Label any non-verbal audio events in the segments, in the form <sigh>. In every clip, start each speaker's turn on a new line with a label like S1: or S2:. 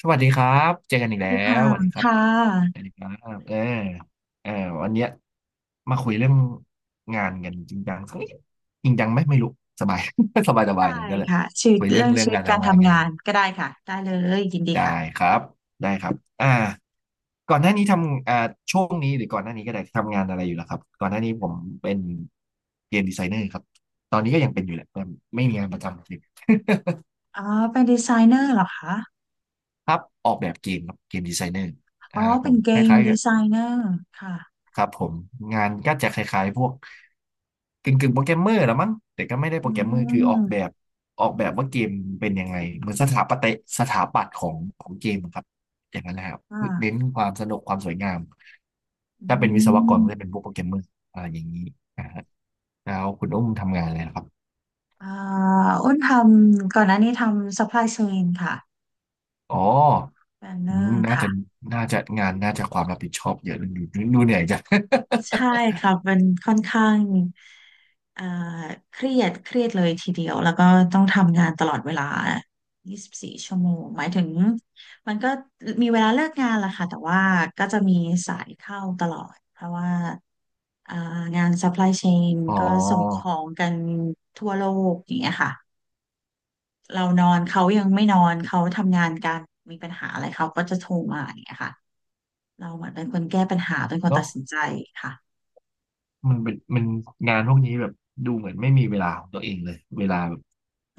S1: สวัสดีครับเจอกันอี
S2: ส
S1: ก
S2: วัส
S1: แล้
S2: ดี
S1: ว
S2: ค่ะ
S1: สวัสดีครับ
S2: ค่
S1: สวั
S2: ะ
S1: สดีครับเออวันเนี้ยมาคุยเรื่องงานกันจริงจังสักนิดจริงจังไหมไม่รู้สบาย <laughs> สบายสบายเล
S2: ได้
S1: ยนั่นแหละ
S2: ค่ะชีวิต
S1: คุยเรื่อง
S2: เรื่อง
S1: เรื่อง
S2: ชีวิต
S1: การ
S2: การ
S1: ทำงานกัน
S2: ทำงา
S1: เล
S2: น
S1: ย
S2: ก็ได้ค่ะได้เลยยินดีค่ะ
S1: ได้ครับได้ครับอ่าก่อนหน้านี้ทำช่วงนี้หรือก่อนหน้านี้ก็ได้ทำงานอะไรอยู่แล้วครับก่อนหน้านี้ผมเป็นเกมดีไซเนอร์ครับตอนนี้ก็ยังเป็นอยู่แหละแต่ไม่มีงานประจำเลย
S2: อ๋อเป็นดีไซเนอร์เหรอคะ
S1: <laughs> ครับออกแบบเกมครับเกมดีไซเนอร์
S2: อ๋อ
S1: ผ
S2: เป็น
S1: ม
S2: เก
S1: ค
S2: ม
S1: ล้ายๆ
S2: ดี
S1: กับ
S2: ไซเนอร์ค่ะ
S1: ครับผมงานก็จะคล้ายๆพวกกึ่งๆโปรแกรมเมอร์ละมั้งแต่ก็ไม่ได้
S2: อื
S1: โปรแกรมเมอร์คือออกแบ
S2: ม
S1: บออกแบบว่าเกมเป็นยังไงเหมือนสถาปตยสถาปัตย์ของของเกมครับอย่างนั้นนะครับ
S2: ค
S1: เน้น
S2: ่ะ
S1: ความสนุกความสวยงาม
S2: อื
S1: ถ้าเป็นวิศวกร
S2: ม
S1: ก็จะเป็นพวกโปรแกรมเมอร์อะไรอย่างนี้นะฮะแล้วคุณอุ้มทำงานอะไรนะครับ
S2: อ่าอ้นทำก่อนหน้านี้ทำ supply chain ค่ะ
S1: อ๋อ
S2: แบนเน
S1: อื
S2: อ
S1: ม
S2: ร์
S1: น่าจะ
S2: ค่ะ
S1: น่าจะงานน่าจะความรับผิดชอบเยอะดูดูดูเหนื่อยจัง
S2: ใช่ครับมันค่อนข้างเอ่อเครียดเลยทีเดียวแล้วก็ต้องทำงานตลอดเวลา 24 ชั่วโมงหมายถึงมันก็มีเวลาเลิกงานแหละค่ะแต่ว่าก็จะมีสายเข้าตลอดเพราะว่าเอ่องาน supply chain
S1: <laughs> อ๋
S2: ก็ส่งขอ
S1: อ
S2: งกันทั่วโลกอย่างเงี้ยค่ะเรานอนเขายังไม่นอนเขาทำงานกันมีปัญหาอะไรเขาก็จะโทรมาอย่างเงี้ยค่ะเราเหมือนเป็นคนแก้ปัญหาเป็นคนตั
S1: เนาะ
S2: ดสินใจค่ะ
S1: มันเป็นมันงานพวกนี้แบบดูเหมือนไม่มีเวลาของตัวเองเลยเวลาแบบ
S2: ไ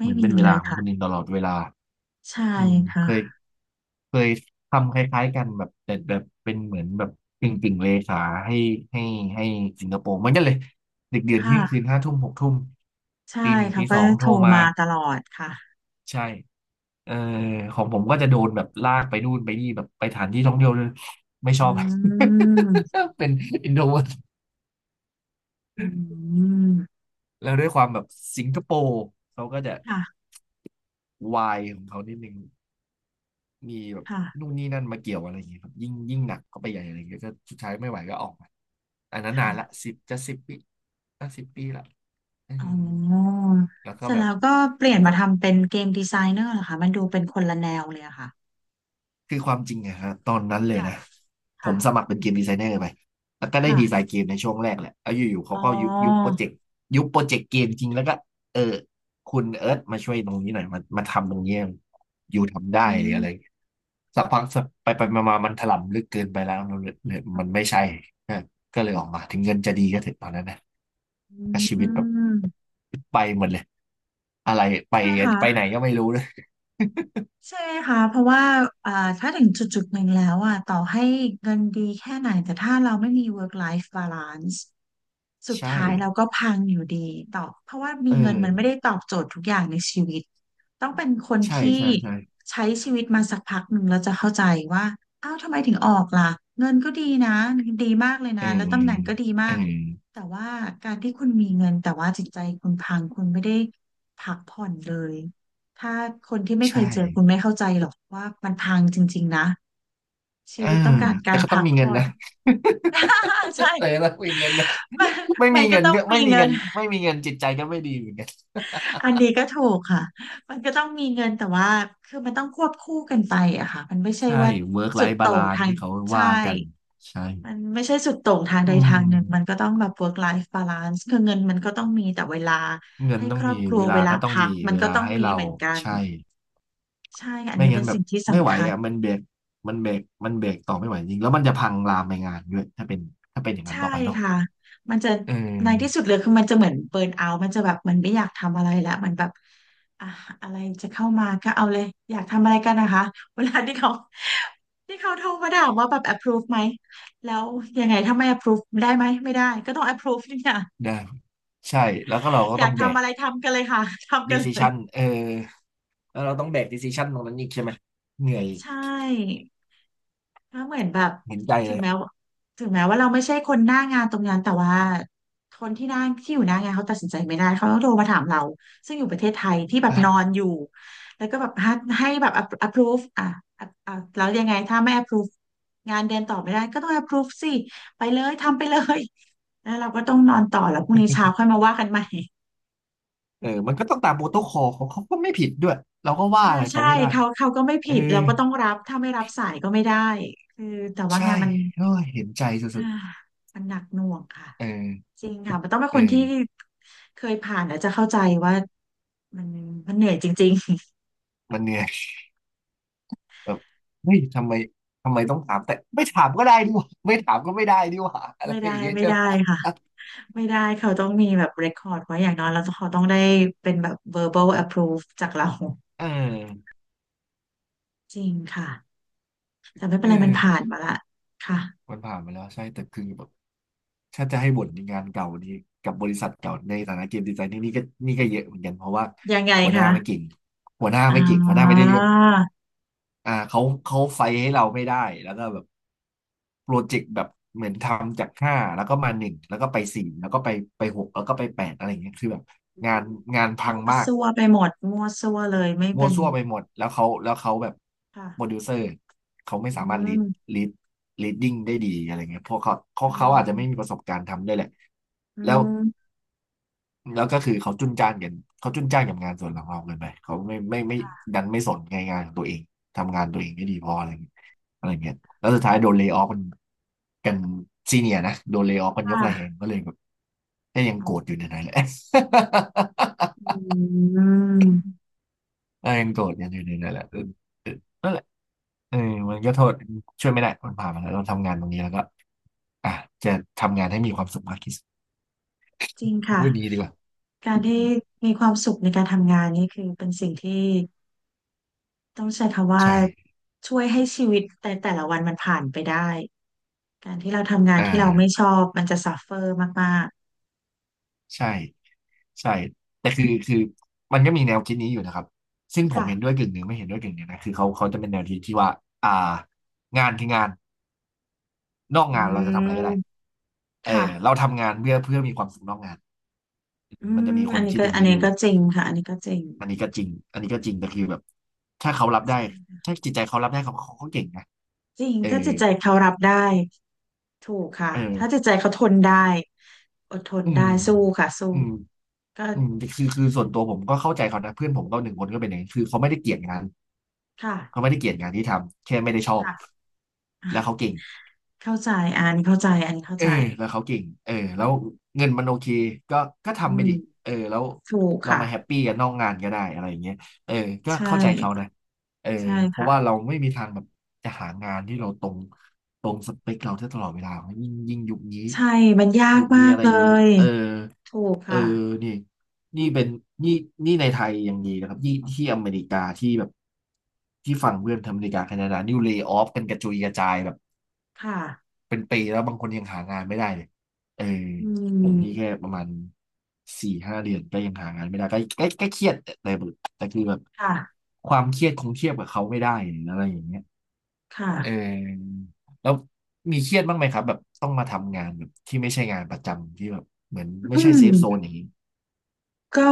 S1: เห
S2: ม่
S1: มือน
S2: มี
S1: เป็นเว
S2: เล
S1: ลา
S2: ย
S1: ของ
S2: ค่ะ
S1: คนอื่นตลอดเวลา
S2: ใช่
S1: อืมเคย
S2: ค่ะ
S1: เคยทำคล้ายๆกันแบบแต่แบบเป็นเหมือนแบบกึ่งกึ่งเลขาให้ให้ให้สิงคโปร์เหมือนกันเลยดึกดื่นเที่ยงคื
S2: ค่ะ
S1: นห้าทุ่มหกทุ่ม
S2: ใช่
S1: ตีหนึ่ง
S2: เขา
S1: ตี
S2: ก็
S1: สองโท
S2: โท
S1: ร
S2: ร
S1: มา
S2: มาตลอดค่ะ
S1: ใช่เออของผมก็จะโดนแบบลากไปนู่นไปนี่แบบไปสถานที่ท่องเที่ยวเลยไม่
S2: อื
S1: ชอบ
S2: ม
S1: <laughs> เป็นอินโทรเวิร์ต
S2: อืม
S1: แล้วด้วยความแบบสิงคโปร์เขาก็จะ
S2: ค่ะ
S1: วายของเขานิดนึงมีแบบนู่
S2: ค่ะ
S1: นนี่นั่นมาเกี่ยวอะไรอย่างเงี้ยครับยิ่งยิ่งหนักเข้าไปใหญ่อะไรเงี้ยก็สุดท้ายไม่ไหวก็ออกมาอันนั้นนานละ
S2: ค่ะ
S1: สิบจะสิบปีอะสิบปีละเ
S2: อ๋อ
S1: แล้วก็
S2: เสร็จ
S1: แบบ
S2: แล้วก็เปลี่ย
S1: แล้
S2: น
S1: วก็
S2: มาทำเป็นเกมดีไซเนอร์เหรอคะมันดูเป็นคนละแนวเลยอะค่ะ
S1: คือความจริงอะฮะตอนนั้นเลย
S2: ค่ะ
S1: นะผ
S2: ค่ะ
S1: มสมัครเป็นเกมดีไซเนอร์ไปแล้วก็ได้ดีไซ
S2: ค่ะ
S1: น์เกมในช่วงแรกแหละแลอยู่ๆเขา
S2: อ๋อ
S1: ก็ยุบยุบโปรเจกต์ยุบโปรเจกต์เกมจริงแล้วก็เออคุณเอิร์ธมาช่วยตรงนี้หน่อยมามาทำตรงนี้อยู่ทำได้
S2: อื
S1: หรืออะไร
S2: ม
S1: สักพักสักไปไปมามามันถล่ำลึกเกินไปแล้วมันเลยมันไม่ใช่ก็ก็เลยออกมาถึงเงินจะดีก็เถอะตอนนั้นนะ
S2: อื
S1: ก็ชีวิตแบบ
S2: ม
S1: ไปหมดเลยอะไรไป
S2: ใช่ไหม
S1: ไปไหน
S2: คะ
S1: ก็ไม่รู้เลย
S2: ใช่ไหมคะเพราะว่าอ่าถ้าถึงจุดหนึ่งแล้วอ่ะต่อให้เงินดีแค่ไหนแต่ถ้าเราไม่มี work life balance สุ
S1: <laughs>
S2: ด
S1: ใช่
S2: ท้ายเราก็พังอยู่ดีตอเพราะว่ามี
S1: เออ
S2: เงินมันไม่ได้ตอบโจทย์ทุกอย่างในชีวิตต้องเป็นคน
S1: ใช่
S2: ที่
S1: ใช่ใช่
S2: ใช้ชีวิตมาสักพักหนึ่งแล้วจะเข้าใจว่าอ้าวทำไมถึงออกล่ะเงินก็ดีนะดีมากเลย
S1: อื
S2: นะ
S1: ม
S2: แล้วตำแหน่งก็ดีมา
S1: อื
S2: ก
S1: ม
S2: แต่ว่าการที่คุณมีเงินแต่ว่าจิตใจคุณพังคุณไม่ได้พักผ่อนเลย ถ้าคนที่ไม่เค
S1: ใช่
S2: ยเจอคุณไม่เข้าใจหรอกว่ามันพังจริงๆนะชี
S1: เออ
S2: วิตต้องการ
S1: แต่
S2: การ
S1: ก็ต้อ
S2: พั
S1: ง
S2: ก
S1: มีเงิน
S2: ผ่อน
S1: นะ
S2: <laughs> อ่าใช่
S1: <laughs> เออต้อมีเงินนะ
S2: <laughs> มัน
S1: ไม่
S2: มั
S1: มี
S2: นก็
S1: เงิน
S2: ต้อง
S1: ก็ไม่
S2: มี
S1: มี
S2: เงิ
S1: เงิ
S2: น
S1: นไม่มีเงินจิตใจก็ไม่ดีเหมือนกัน
S2: อันนี้ก็ถูกค่ะมันก็ต้องมีเงินแต่ว่าคือมันต้องควบคู่กันไปอะค่ะมันไม่ใช่
S1: ใช่
S2: ว่า
S1: work
S2: สุด
S1: life
S2: โต่ง
S1: balance
S2: ทาง
S1: ที่เขา
S2: ใช่
S1: ว่ากันใช่
S2: มันไม่ใช่สุดโต่งทางใด
S1: อื
S2: ทางหนึ่งมัน
S1: ม
S2: ก็ต้องแบบ work life balance คือเงินมันก็ต้องมีแต่เวลา
S1: เงิน
S2: ให้
S1: ต้
S2: ค
S1: อง
S2: รอ
S1: มี
S2: บครั
S1: เว
S2: วเว
S1: ลา
S2: ลา
S1: ก็ต้อง
S2: พัก
S1: มี
S2: มัน
S1: เว
S2: ก็
S1: ลา
S2: ต้อง
S1: ให้
S2: มี
S1: เรา
S2: เหมือนกัน
S1: ใช่
S2: ใช่อัน
S1: ไม่
S2: นี้เป็
S1: งั้
S2: น
S1: นแบบ
S2: สิ่งที่
S1: ไม่ไห
S2: สำ
S1: ว
S2: คัญ
S1: อ่ะมันเบรกมันเบรกต่อไม่ไหวจริงแล้วมันจะพังลามไปงานด้วยถ้าเป็นอย่างนั้น
S2: ใช่
S1: ต่อไปเนาะ
S2: ค่ะมันจะ
S1: เอ
S2: ในที่สุ
S1: อ
S2: ดเลยคือมันจะเหมือนเบิร์นเอาท์มันจะแบบมันไม่อยากทำอะไรแล้วมันแบบอ่ะอะไรจะเข้ามาก็เอาเลยอยากทำอะไรกันนะคะ <laughs> เวลาที่เขาโทรมาถามว่าแบบ approve ไหมแล้วยังไงถ้าไม่ approve ได้ไหมไม่ได้ก็ต้อง approve นี่ค่ะ
S1: ได้ใช่แล้วก็เราก็
S2: <laughs> อยา
S1: ต้อ
S2: ก
S1: งแบ
S2: ทำ
S1: ก
S2: อะไรทำกันเลยค่ะ <laughs> ทำกันเลย
S1: decision เออ แล้วเราต้องแบกด c ซิชันตรงนั้นอีกใช่ไหม เหนื่อย
S2: ใช่ ถ้าเหมือนแบบ
S1: เห็นใจ
S2: ถึ
S1: เล
S2: ง
S1: ย
S2: แม้ว่าถึงแม้ว่าเราไม่ใช่คนหน้างานตรงนั้นแต่ว่าคนที่หน้าที่อยู่หน้างานเขาตัดสินใจไม่ได้เขาต้องโทรมาถามเราซึ่งอยู่ประเทศไทยที่แบบนอนอยู่แล้วก็แบบให้แบบ a p p approve อ่ะอ่ะอ่ะแล้วยังไงถ้าไม่ approve งานเดินต่อไม่ได้ก็ต้อง approve สิไปเลยทำไปเลยแล้วเราก็ต้องนอนต่อแล้วพรุ่งนี้เช้าค่อยมาว่ากันใหม่
S1: เออมันก็ต้องตามโปรโตคอลของเขาก็ไม่ผิดด้วย เราก็
S2: <laughs>
S1: ว่า
S2: ใช่
S1: อะไรเขา
S2: ใช่
S1: ไม่ได้
S2: เขาก็ไม่
S1: เออ
S2: ผิดเราก็ต้องรับถ้าไม่รับสายก็ไม่ได้คือแต่ว่า
S1: ใช่
S2: งานมัน
S1: โอ้ยเห็นใจ
S2: อ่า
S1: สุด
S2: มันหนักหน่วงค่ะ
S1: ๆเออ
S2: จริงค่ะมันต้องเป็น
S1: เอ
S2: คนที่
S1: อ
S2: เคยผ่านแล้วจะเข้าใจว่ามันเหนื่อยจริง
S1: มันเหนื่อยแบบเฮ้ยทำไมต้องถามแต่ไม่ถามก็ได้ดิวะไม่ถามก็ไม่ได้ดิวะ
S2: ๆ
S1: อะ
S2: <laughs>
S1: ไร
S2: ไม่ได้
S1: อย่างเงี้ย
S2: ไม่ได้ค่ะไม่ได้เขาต้องมีแบบ record ไว้อย่างน้อยแล้วเขาต้องได้เป็นแบบ verbal approve จากเรา
S1: ออ
S2: จริงค่ะแต่ไม่เป็
S1: เอ
S2: น
S1: อ
S2: ไรมันผ่านมาละค่ะ
S1: มันผ่านมาแล้วใช่แต่คือแบบถ้าจะให้บ่นในงานเก่านี้กับบริษัทเก่าในฐานะเกมดีไซน์นี่ก็ก็เยอะเหมือนกันเพราะว่า
S2: ยังไง
S1: หัวหน้า
S2: คะ
S1: ไม่เก่ง
S2: อ่
S1: หัวหน้าไม่ได้
S2: า
S1: เรื่องอ่าเขาเขาไฟให้เราไม่ได้แล้วก็แบบโปรเจกต์แบบเหมือนทำจากห้าแล้วก็มาหนึ่งแล้วก็ไปสี่แล้วก็ไปไปหกแล้วก็ไปแปดอะไรอย่างเงี้ยคือแบบ
S2: อื
S1: งาน
S2: ม
S1: งานพั
S2: มั่
S1: ง
S2: ว
S1: มาก
S2: ซั่วไปหมดมั่วซั่วเลยไม่
S1: มั่
S2: เป็
S1: ว
S2: น
S1: ซั่วไปหมดแล้วเขาแบบ
S2: ค่ะ
S1: โปรดิวเซอร์เขาไม่
S2: อื
S1: สามารถลีด
S2: ม
S1: ลีดลีดดิ้งได้ดีอะไรเงี้ยเพราะเขา
S2: อื
S1: เขาอาจจะไม่มี
S2: ม
S1: ประสบการณ์ทำด้วยแหละ
S2: อื
S1: แล้ว
S2: ม
S1: แล้วก็คือเขาจุนจ้านกันเขาจุนจ้านกับงานส่วนของเราเกินไปเขาไม่
S2: ค่ะ
S1: ดันไม่สนในงานของตัวเองทำงานตัวเองไม่ดีพออะไรเงี้ยอะไรเงี้ยแล้วสุดท้ายโดนเลย์ออฟกันซีเนียนะโดนเลย์ออฟกัน
S2: ค
S1: ยกระแหงก็เลยแบบก็ยังโกรธอยู่ใน
S2: ่ะ
S1: นั้นแหละ
S2: อืม
S1: <laughs> ยังโกรธกันอยู่ในนั้นแหละเออเออนั่นแหละ เออมันก็โทษช่วยไม่ได้มันผ่านมาแล้วเราทำงานตรงนี้แล้วก็อ่ะจะทำงานให้มีความสุขมากที่สุด
S2: จริงค่ะ
S1: พูดดีดีกว่า
S2: การที่มีความสุขในการทำงานนี่คือเป็นสิ่งที่ต้องใช้คำว่า
S1: ใช่
S2: ช่วยให้ชีวิตแต่แต่ละวันมันผ่านไปได้การที่เราทำงาน
S1: อ่า
S2: ที่เราไม่ชอบมันจะซัฟเฟอร์มาก
S1: ใช่ใช่แต่คือมันก็มีแนวคิดนี้อยู่นะครับซึ่ง
S2: ๆ
S1: ผม
S2: ค่ะ
S1: เห็นด้วยกึ่งหนึ่งไม่เห็นด้วยกึ่งหนึ่งนะคือเขาจะเป็นแนวคิดที่ว่าอ่างานคืองานนอก
S2: อื
S1: งานเราจะทำอะไรก็ได้
S2: ม
S1: เออ
S2: ค่ะ
S1: เราทำงานเพื่อมีความสุขนอกงาน
S2: อื
S1: มัน
S2: ม
S1: จะมีค
S2: อั
S1: น
S2: นนี้
S1: คิด
S2: ก็
S1: อย่าง
S2: อัน
S1: นี้
S2: นี้
S1: อยู่
S2: ก็จริงค่ะอันนี้ก็จริง
S1: อันนี้ก็จริงอันนี้ก็จริงแต่คือแบบถ้าเขารับได้ถ้าจิตใจเขารับได้เขาเก่งนะ
S2: จริง
S1: เออ
S2: ถ้าจิตใจเขารับได้ถูกค่ะ
S1: เอ
S2: ถ้าจิต
S1: อ
S2: ใจเขาทนได้อดทน
S1: อืม
S2: ได้สู้ค่ะสู้
S1: อืม
S2: ก็
S1: อืมคือส่วนตัวผมก็เข้าใจเขานะ เพื่อนผมก็หนึ่งคนก็เป็นอย่างนี้คือเขาไม่ได้เกลียดงาน
S2: ค่ะ
S1: เขาไม่ได้เกลียดงานที่ทำ แค่ไม่ได้ชอบ
S2: ค่
S1: แล้วเขา
S2: ะ
S1: เก่ง
S2: เข้าใจอันเข้าใจอันเข้า
S1: เออ
S2: ใจ
S1: แล้วเขาเก่งเออแล้วเงินมันโอเคก็ก็
S2: อื
S1: ทำไป
S2: ม
S1: ดิเออแล้ว
S2: ถูก
S1: เรา
S2: ค่ะ
S1: มาแฮปปี้กันนอกงานก็ได้อะไรอย่างเงี้ยเออก็
S2: ใช่
S1: เข้าใจเขานะเออ
S2: ใช่
S1: เพราะ
S2: ค่ะ
S1: ว่าเราไม่มีทางแบบจะหางานที่เราตรงตรงสเปคเราได้ตลอดเวลายิ่งยุคนี้
S2: ใช่ มันยาก
S1: ยุค
S2: มา
S1: นี้
S2: ก
S1: อะไร
S2: เล
S1: อย่างนี้
S2: ย
S1: เออ
S2: ถูก
S1: เออ
S2: ค่ะ
S1: นี่นี่เป็นนี่นี่ในไทยยังดีนะครับที่อเมริกาที่แบบที่ฝั่งเพื่อนทำอเมริกาแคนาดานี่เลย์ออฟกันกระจุยกระจายแบบ
S2: ค่ะ
S1: เป็นปีแล้วบางคนยังหางานไม่ได้เลยเออ
S2: อื
S1: ผมนี่แค่
S2: ม
S1: ประมาณสี่ห้าเดือนก็ยังหางานไม่ได้ก็เครียดแต่แบบแต่คือแบบ
S2: ค่ะ
S1: ความเครียดคงเทียบกับเขาไม่ได้หรืออะไรอย่างเงี้ยเออ
S2: ค่ะ
S1: แล้วมีเครียดบ้างไหมครับแบบต้องมาทำงานแบบที่ไม่ใช่งานประจำที่แบบเหมือนไม่
S2: อื
S1: ใช่เซฟโซน
S2: ม
S1: อย่างนี้
S2: ก็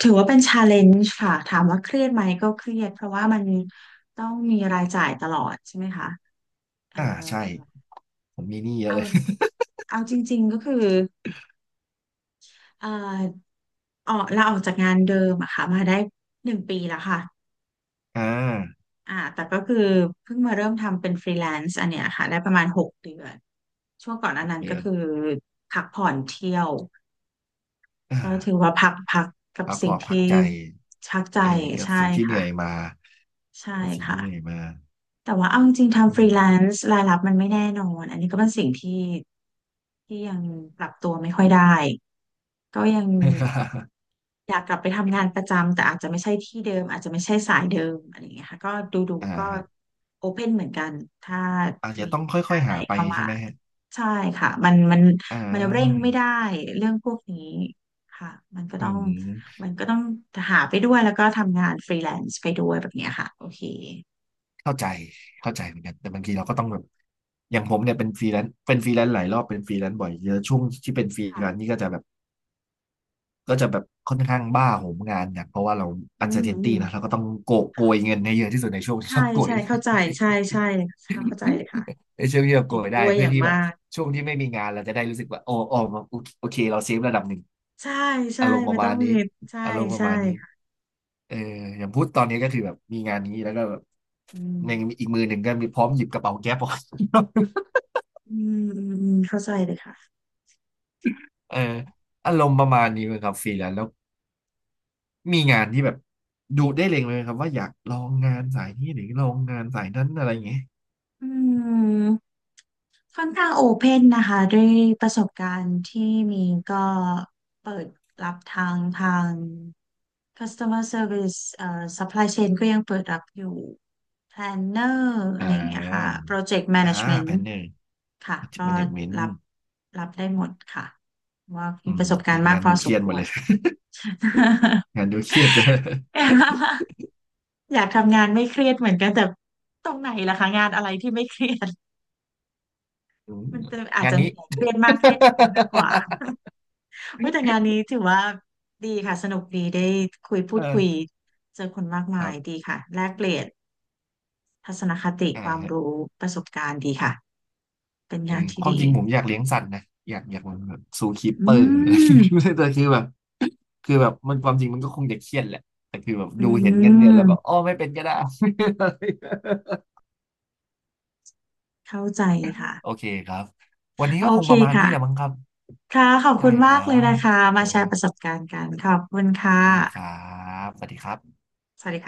S2: ถือว่าเป็นชาเลนจ์ค่ะ ถามว่าเครียดไหมก็เครียด เพราะว่ามันต้องมีรายจ่ายตลอดใช่ไหมคะ เอ่อ
S1: ใช่ผมมีหนี้เยอะ
S2: เอา
S1: เลย
S2: จริงๆก็คือเอ่อออกาออกจากงานเดิมอะค่ะมาได้1 ปีแล้วค่ะ
S1: <laughs> อ่า
S2: แต่ก็คือเพิ่งมาเริ่มทำเป็นฟรีแลนซ์อันเนี้ยค่ะได้ประมาณ6 เดือนช่วงก่อนอั
S1: ห
S2: น
S1: ก
S2: นั้น
S1: เดื
S2: ก็
S1: อน
S2: คือพักผ่อนเที่ยว
S1: อ่า
S2: ก็ถือว่าพักพักกับ
S1: พักพ
S2: สิ่
S1: อ
S2: ง
S1: พัก
S2: ที่
S1: ใจ
S2: ชักใจ
S1: เออกับ
S2: ใช่
S1: สิ่งที่เหนื่
S2: ค่ะ
S1: อยมา
S2: ใช่
S1: กับสิ่ง
S2: ค่ะ
S1: ที่เหนื่อยมา
S2: แต่ว่าเอาจริงๆ
S1: อื
S2: ทำฟรี
S1: ม
S2: แลนซ์รายรับมันไม่แน่นอนอันนี้ก็เป็นสิ่งที่ยังปรับตัวไม่ค่อยได้ก็ยัง
S1: <laughs>
S2: อยากกลับไปทำงานประจำแต่อาจจะไม่ใช่ที่เดิมอาจจะไม่ใช่สายเดิมอะไรอย่างเงี้ยค่ะก็ดูดู
S1: อ่า
S2: ก็
S1: ฮะ
S2: โอเพนเหมือนกันถ้า
S1: อาจจะ
S2: มี
S1: ต้องค่อ
S2: อะ
S1: ยๆ
S2: ไร
S1: หาไป
S2: เข้ามา
S1: ใช่ไหมฮะ
S2: ใช่ค่ะมันมัน
S1: อ่า
S2: มันเร่งไม่ได้เรื่องพวกนี้ค่ะมันก็
S1: อื
S2: ต้อง
S1: ม
S2: มันก็ต้องหาไปด้วยแล้วก็ทำงานฟรีแลนซ์ไปด้วยแบบเนี้ยค่ะโอเค
S1: เข้าใจเข้าใจเหมือนกันแต่บางทีเราก็ต้องแบบ อย่างผมเนี่ยเป็นฟรีแลนซ์เป็นฟรีแลนซ์หลายรอบเป็นฟรีแลนซ์บ่อยเยอะช่วงที่เป็นฟรี
S2: ค่ะ
S1: แลนซ์นี่ก็จะแบบก็จะแบบค่อนข้างบ้าโหมงานเนี่ยเพราะว่าเรา
S2: อื
S1: อันเซอร์เทนตี้นะเรา
S2: ม
S1: ก็ต้องโกยเงินให้เยอะที่สุดในช่วงที่
S2: ใช่
S1: เราโกย
S2: ใช่
S1: ได้
S2: เข้าใจใช่ใช่เข้าใจเลยค่ะ
S1: ได้ช่วยพี่แบบโก
S2: เห็น
S1: ยได้
S2: ด้วยอ
S1: เพื่อ
S2: ย่าง
S1: ที่แบ
S2: มา
S1: บ
S2: ก
S1: ช่วงที่ไม่มีงานเราจะได้รู้สึกว่าโอ้โอเคเราเซฟระดับหนึ่ง
S2: ใช่ใช่
S1: อารมณ์ป
S2: ไม่
S1: ระ
S2: ต้
S1: มา
S2: อง
S1: ณ
S2: มี
S1: นี้
S2: ใช่
S1: อารมณ์ประ
S2: ใช่
S1: มาณนี้
S2: ค่ะ
S1: เอออย่างพูดตอนนี้ก็คือแบบมีงานนี้แล้วก็แบบ
S2: อืม
S1: ในอีกมือหนึ่งก็มีพร้อมหยิบกระเป๋าแก๊ปออก <laughs>
S2: อืมอืมอืมเข้าใจเลยค่ะ
S1: เอออารมณ์ประมาณนี้เลยครับฟรีแลนซ์แล้วมีงานที่แบบดูได้เล็งเลยครับว่าอยากลองงานสายนี้หรือลองงานสายนั้นอะไรอย่างเงี้ย
S2: อืมค่อนข้างโอเพนนะคะด้วยประสบการณ์ที่มีก็เปิดรับทาง customer service supply chain ก็ยังเปิดรับอยู่ planner อะ
S1: อ่
S2: ไรอย่างเงี้ยค่ะ
S1: า
S2: project
S1: อ่า
S2: management
S1: แพนเนอร์
S2: ค่ะก็
S1: แมเนจเมนต์
S2: รับรับได้หมดค่ะว่า
S1: อื
S2: มีป
S1: ม
S2: ระสบกา
S1: แต่
S2: รณ์มาก
S1: งาน
S2: พอ
S1: ดูเค
S2: ส
S1: รี
S2: ม
S1: ยด
S2: ค
S1: หมด
S2: ว
S1: เล
S2: ร
S1: ย
S2: <laughs>
S1: งานดูเครียดจะ
S2: อยากทำงานไม่เครียดเหมือนกันแต่ตรงไหนล่ะคะงานอะไรที่ไม่เครียด
S1: อืม
S2: มันจะอาจ
S1: งาน
S2: จะ
S1: นี้
S2: มี
S1: <laughs>
S2: หลายเครียดมากเครียดน้อยมากกว่า <laughs> เฮ้ยแต่งานนี้ถือว่าดีค่ะสนุกดีได้คุยพูดคุย
S1: เออ
S2: เจอคนมากมา
S1: ครั
S2: ย
S1: บ
S2: ดีค่ะแลกเปลี่ยน ทัศนคติความ
S1: อ่า
S2: รู้ประสบการณ์ดีค่ะเป็น
S1: เออ
S2: งานที่
S1: ความ
S2: ดี
S1: จริงผมอยากเลี้ยงสัตว์นะอยากเหมือนแบบซูคีปเป
S2: อื
S1: อร์หรืออะไร
S2: ม
S1: <laughs> แต่คือแบบมันความจริงมันก็คงจะเครียดแหละแต่คือแบบ
S2: อื
S1: ดูเห็นเงินเดือนแล้วแบบอ๋
S2: ม
S1: อไม่เป็นก็ได้ <laughs>
S2: เข้าใจค่ะ
S1: โอเคครับวันนี้
S2: โอ
S1: ก็คง
S2: เค
S1: ประมาณนี้แหละมั้
S2: ค่ะ
S1: งครับ
S2: ค่ะขอบคุ
S1: ได้
S2: ณ
S1: ค
S2: มา
S1: รั
S2: กเลยนะ
S1: บ
S2: คะ
S1: ข
S2: มา
S1: อบ
S2: แช
S1: คุณค
S2: ร์ป
S1: รั
S2: ระสบ
S1: บ
S2: การณ์กันขอบคุณค่ะ
S1: ได้ครับสวัสดีครับ
S2: สวัสดีค่ะ